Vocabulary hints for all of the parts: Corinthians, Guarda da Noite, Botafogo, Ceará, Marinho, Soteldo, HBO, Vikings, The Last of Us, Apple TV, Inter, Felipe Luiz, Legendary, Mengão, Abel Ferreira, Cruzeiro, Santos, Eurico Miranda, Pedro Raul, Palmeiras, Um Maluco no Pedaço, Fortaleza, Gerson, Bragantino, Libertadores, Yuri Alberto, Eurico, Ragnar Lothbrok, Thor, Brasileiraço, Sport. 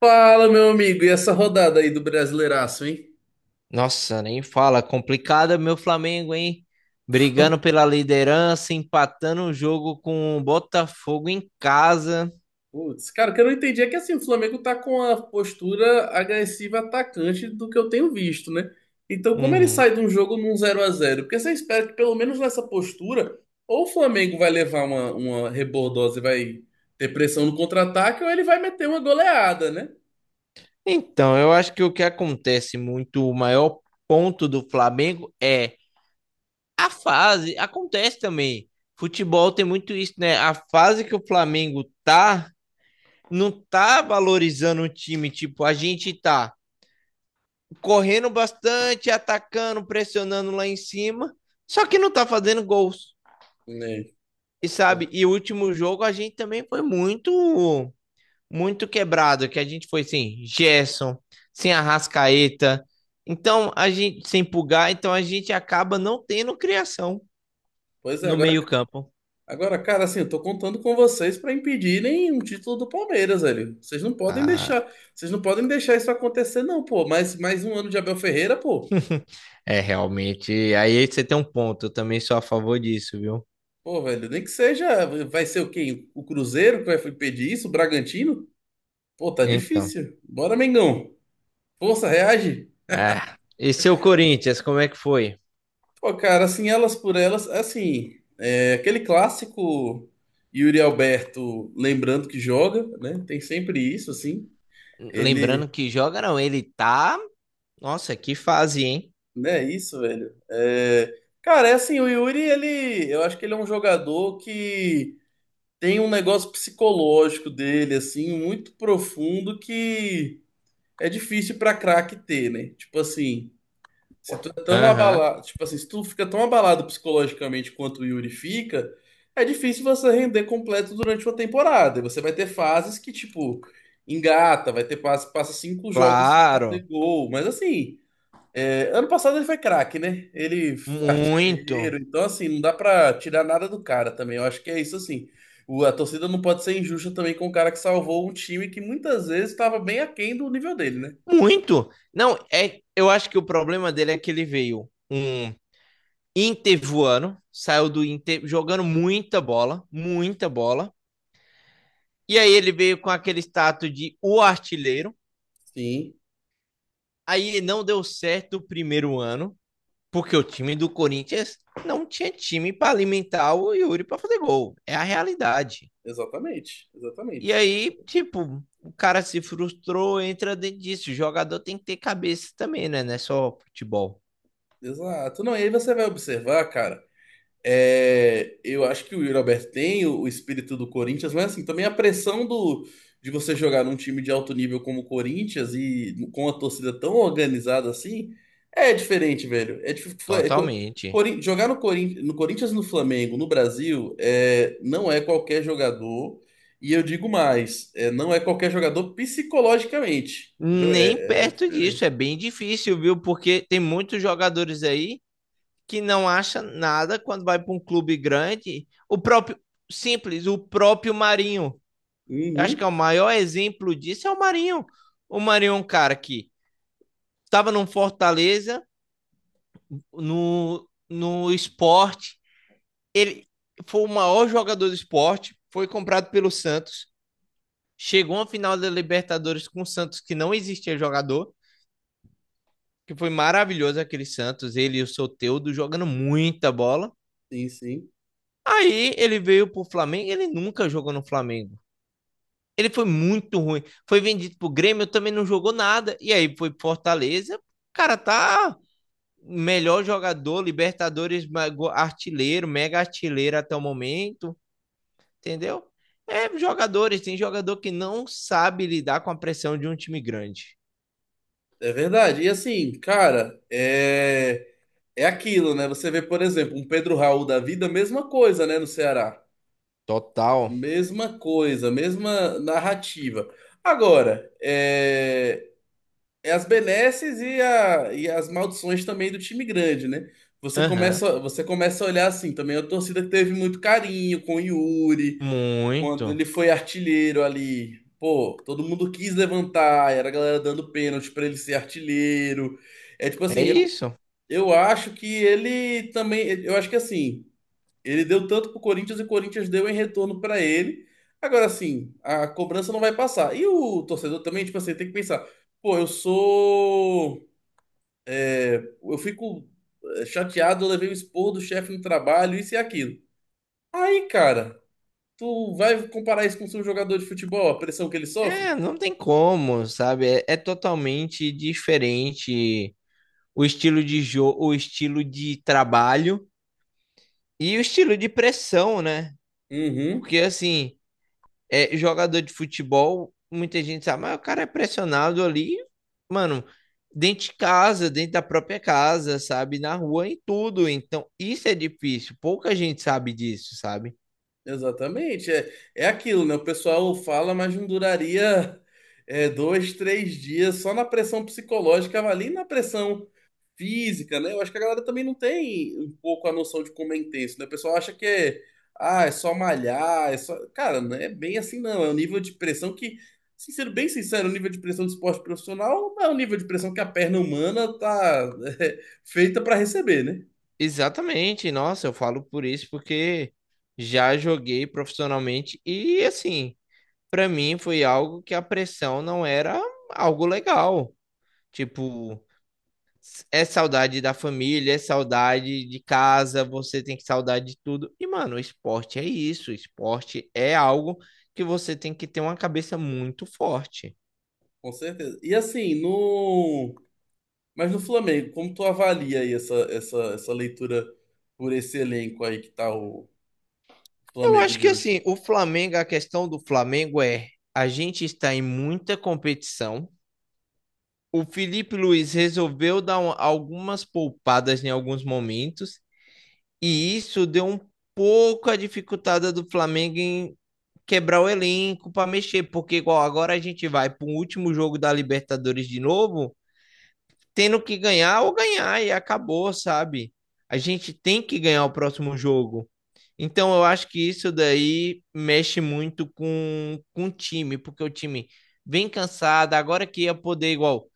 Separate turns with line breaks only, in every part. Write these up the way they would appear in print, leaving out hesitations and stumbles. Fala, meu amigo, e essa rodada aí do Brasileiraço, hein?
Nossa, nem fala. Complicado meu Flamengo, hein? Brigando pela liderança, empatando o jogo com o Botafogo em casa.
Putz, cara, o que eu não entendi é que assim, o Flamengo tá com a postura agressiva atacante do que eu tenho visto, né? Então, como ele
Uhum.
sai de um jogo num 0-0? Porque você espera que pelo menos nessa postura, ou o Flamengo vai levar uma rebordosa e vai ter pressão no contra-ataque, ou ele vai meter uma goleada, né?
Então, eu acho que o que acontece muito, o maior ponto do Flamengo é a fase. Acontece também. Futebol tem muito isso, né? A fase que o Flamengo tá, não tá valorizando o time. Tipo, a gente tá correndo bastante, atacando, pressionando lá em cima, só que não tá fazendo gols.
É,
E sabe,
pô.
e o último jogo a gente também foi muito, muito quebrado, que a gente foi sem Gerson, sem Arrascaeta. Então, a gente sem Pulgar, então a gente acaba não tendo criação
Pois é,
no
agora.
meio-campo.
Agora, cara, assim, eu tô contando com vocês para impedirem um título do Palmeiras, velho. Vocês não podem
Ah,
deixar, vocês não podem deixar isso acontecer, não, pô. Mais um ano de Abel Ferreira, pô.
é realmente. Aí você tem um ponto, eu também sou a favor disso, viu?
Pô, velho, nem que seja, vai ser o quê? O Cruzeiro que vai impedir isso? O Bragantino? Pô, tá
Então,
difícil. Bora, Mengão. Força, reage.
é. E seu Corinthians, como é que foi?
Pô, cara, assim, elas por elas, assim, é, aquele clássico Yuri Alberto lembrando que joga, né? Tem sempre isso, assim. Ele,
Lembrando que joga não, ele tá. Nossa, que fase, hein?
Não é isso, velho. É, cara, é assim, o Yuri, ele, eu acho que ele é um jogador que tem um negócio psicológico dele, assim, muito profundo que é difícil pra craque ter, né? Tipo assim, se tu é tão
Aham.
abalado, tipo assim, se tu fica tão abalado psicologicamente quanto o Yuri fica, é difícil você render completo durante uma temporada. E você vai ter fases que, tipo, engata, vai ter fase que passa cinco jogos sem
Claro,
fazer gol, mas assim. É, ano passado ele foi craque, né? Ele foi artilheiro,
muito.
então assim, não dá pra tirar nada do cara também. Eu acho que é isso assim. A torcida não pode ser injusta também com o cara que salvou um time que muitas vezes estava bem aquém do nível dele, né?
Muito. Não, é, eu acho que o problema dele é que ele veio um Inter voando, saiu do Inter jogando muita bola, muita bola. E aí ele veio com aquele status de o artilheiro.
Sim,
Aí não deu certo o primeiro ano, porque o time do Corinthians não tinha time para alimentar o Yuri para fazer gol. É a realidade.
exatamente,
E
exatamente.
aí, tipo, o cara se frustrou, entra dentro disso. O jogador tem que ter cabeça também, né? Não é só futebol.
Exato. Não, e aí você vai observar, cara. É, eu acho que o Yuri Alberto tem o espírito do Corinthians, mas assim, também a pressão de você jogar num time de alto nível como o Corinthians e com a torcida tão organizada assim, é diferente, velho.
Totalmente.
Jogar no, no Corinthians e no Flamengo, no Brasil, é, não é qualquer jogador, e eu digo mais, é, não é qualquer jogador psicologicamente, entendeu?
Nem
É
perto disso, é
diferente.
bem difícil, viu? Porque tem muitos jogadores aí que não acham nada quando vai para um clube grande. O próprio, simples, o próprio Marinho. Eu acho que
Uhum,
é o maior exemplo disso é o Marinho. O Marinho é um cara que estava no Fortaleza, no Sport. Ele foi o maior jogador do Sport, foi comprado pelo Santos, chegou à final da Libertadores com o Santos, que não existia jogador, que foi maravilhoso aquele Santos, ele e o Soteldo jogando muita bola.
sim, sim.
Aí ele veio pro Flamengo, ele nunca jogou no Flamengo. Ele foi muito ruim. Foi vendido pro Grêmio, também não jogou nada. E aí foi pro Fortaleza, o cara tá melhor jogador, Libertadores, artilheiro, mega artilheiro até o momento, entendeu? É jogadores, tem jogador que não sabe lidar com a pressão de um time grande.
É verdade. E assim, cara, é. É aquilo, né? Você vê, por exemplo, um Pedro Raul da vida, mesma coisa, né, no Ceará.
Total.
Mesma coisa, mesma narrativa. Agora, é, é as benesses e, e as maldições também do time grande, né?
Aham,
Você começa a olhar assim também. A torcida que teve muito carinho com o Yuri,
uhum.
quando
Muito.
ele foi artilheiro ali. Pô, todo mundo quis levantar, era a galera dando pênalti pra ele ser artilheiro. É tipo
É
assim, eu
isso.
eu acho que ele também. Eu acho que assim, ele deu tanto pro Corinthians e o Corinthians deu em retorno para ele. Agora, assim, a cobrança não vai passar. E o torcedor também, tipo assim, tem que pensar: pô, eu sou. É, eu fico é, chateado, eu levei o expor do chefe no trabalho, isso e aquilo. Aí, cara, tu vai comparar isso com o seu jogador de futebol, a pressão que ele sofre?
É, não tem como, sabe? É, é totalmente diferente o estilo de jogo, o estilo de trabalho e o estilo de pressão, né?
Uhum.
Porque assim, é, jogador de futebol, muita gente sabe, mas o cara é pressionado ali, mano, dentro de casa, dentro da própria casa, sabe? Na rua, em tudo. Então, isso é difícil. Pouca gente sabe disso, sabe?
Exatamente. É, é aquilo, né? O pessoal fala, mas não duraria é, dois, três dias só na pressão psicológica, mas ali na pressão física, né? Eu acho que a galera também não tem um pouco a noção de como é intenso, né? O pessoal acha que é, ah, é só malhar, é só. Cara, não é bem assim, não. É um nível de pressão que, assim, sendo bem sincero, o nível de pressão do esporte profissional não é o nível de pressão que a perna humana tá feita para receber, né?
Exatamente. Nossa, eu falo por isso porque já joguei profissionalmente e assim. Para mim foi algo que a pressão não era algo legal. Tipo, é saudade da família, é saudade de casa, você tem que saudade de tudo. E, mano, o esporte é isso. O esporte é algo que você tem que ter uma cabeça muito forte.
Com certeza. E assim, no. Mas no Flamengo, como tu avalia aí essa leitura por esse elenco aí que tá o
Eu
Flamengo
acho
de
que,
hoje?
assim, o Flamengo, a questão do Flamengo é a gente está em muita competição. O Felipe Luiz resolveu dar algumas poupadas em alguns momentos. E isso deu um pouco a dificultada do Flamengo em quebrar o elenco para mexer, porque igual agora a gente vai para o último jogo da Libertadores de novo, tendo que ganhar ou ganhar e acabou, sabe? A gente tem que ganhar o próximo jogo. Então, eu acho que isso daí mexe muito com, o time, porque o time vem cansado. Agora que ia poder, igual,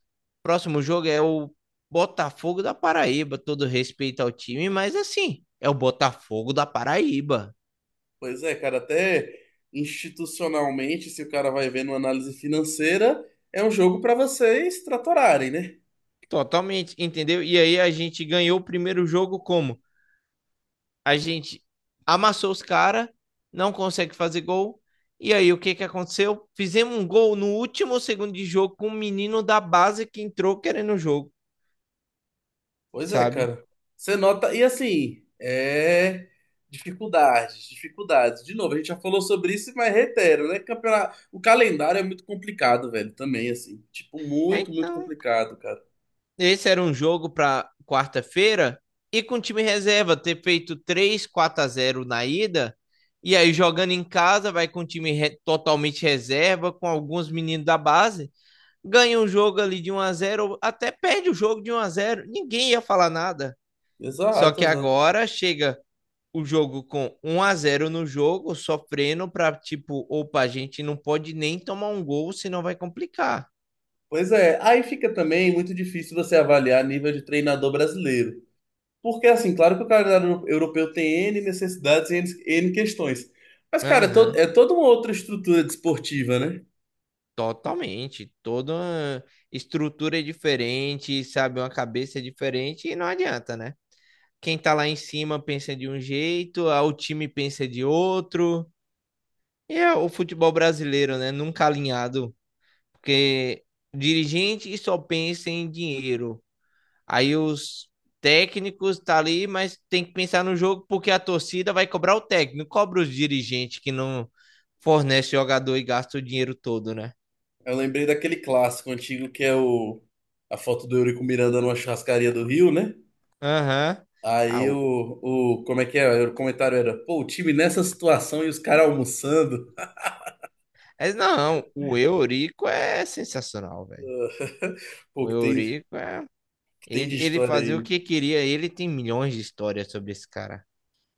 próximo jogo é o Botafogo da Paraíba, todo respeito ao time, mas assim, é o Botafogo da Paraíba.
Pois é, cara, até institucionalmente, se o cara vai ver numa análise financeira, é um jogo pra vocês tratorarem, né?
Totalmente, entendeu? E aí a gente ganhou o primeiro jogo como? A gente amassou os caras, não consegue fazer gol. E aí, o que que aconteceu? Fizemos um gol no último segundo de jogo com um menino da base que entrou querendo o jogo.
Pois é,
Sabe?
cara. Você nota, e assim, é dificuldades, dificuldades. De novo, a gente já falou sobre isso, mas reitero, né? Campeonato. O calendário é muito complicado, velho, também, assim. Tipo, muito, muito
Então,
complicado, cara.
esse era um jogo para quarta-feira e com o time reserva ter feito 3 4 a zero na ida, e aí jogando em casa vai com o time re totalmente reserva com alguns meninos da base, ganha um jogo ali de um a zero ou até perde o jogo de um a zero, ninguém ia falar nada. Só
Exato,
que
exato.
agora chega o jogo com um a zero no jogo, sofrendo para tipo, opa, a gente não pode nem tomar um gol, senão vai complicar.
Pois é, aí fica também muito difícil você avaliar nível de treinador brasileiro. Porque, assim, claro que o calendário europeu tem N necessidades e N questões. Mas, cara, é,
Aham.
é toda uma outra estrutura desportiva, né?
Totalmente, toda uma estrutura é diferente, sabe, uma cabeça é diferente e não adianta, né? Quem tá lá em cima pensa de um jeito, ah, o time pensa de outro. E é o futebol brasileiro, né? Nunca alinhado, porque dirigente só pensa em dinheiro. Aí os técnicos tá ali, mas tem que pensar no jogo porque a torcida vai cobrar o técnico, cobra os dirigentes que não fornece jogador e gasta o dinheiro todo, né?
Eu lembrei daquele clássico antigo que é o, a foto do Eurico Miranda numa churrascaria do Rio, né?
Aham.
Aí
Ah,
o, como é que é? O comentário era, pô, o time nessa situação e os caras almoçando.
mas não, o Eurico é sensacional, velho.
Pô,
O Eurico é.
que tem
Ele,
de
ele
história aí,
fazia o
né?
que queria. Ele tem milhões de histórias sobre esse cara.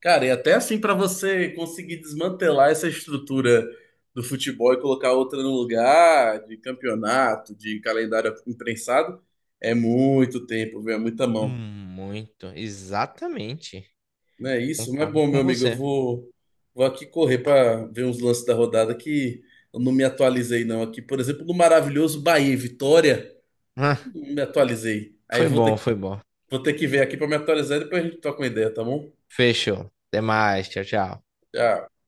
Cara, e até assim para você conseguir desmantelar essa estrutura do futebol e colocar outra no lugar, de campeonato, de calendário imprensado, é muito tempo, viu? É muita mão.
Hum. Muito. Exatamente.
Não é isso? Mas
Concordo
bom, meu
com
amigo, eu
você.
vou, vou aqui correr para ver uns lances da rodada que eu não me atualizei não aqui. Por exemplo, no maravilhoso Bahia e Vitória,
Ah,
não me atualizei. Aí
foi
vou ter,
bom, foi bom.
vou ter que ver aqui para me atualizar e depois a gente toca uma ideia, tá bom?
Fechou. Até mais. Tchau, tchau.
Tchau.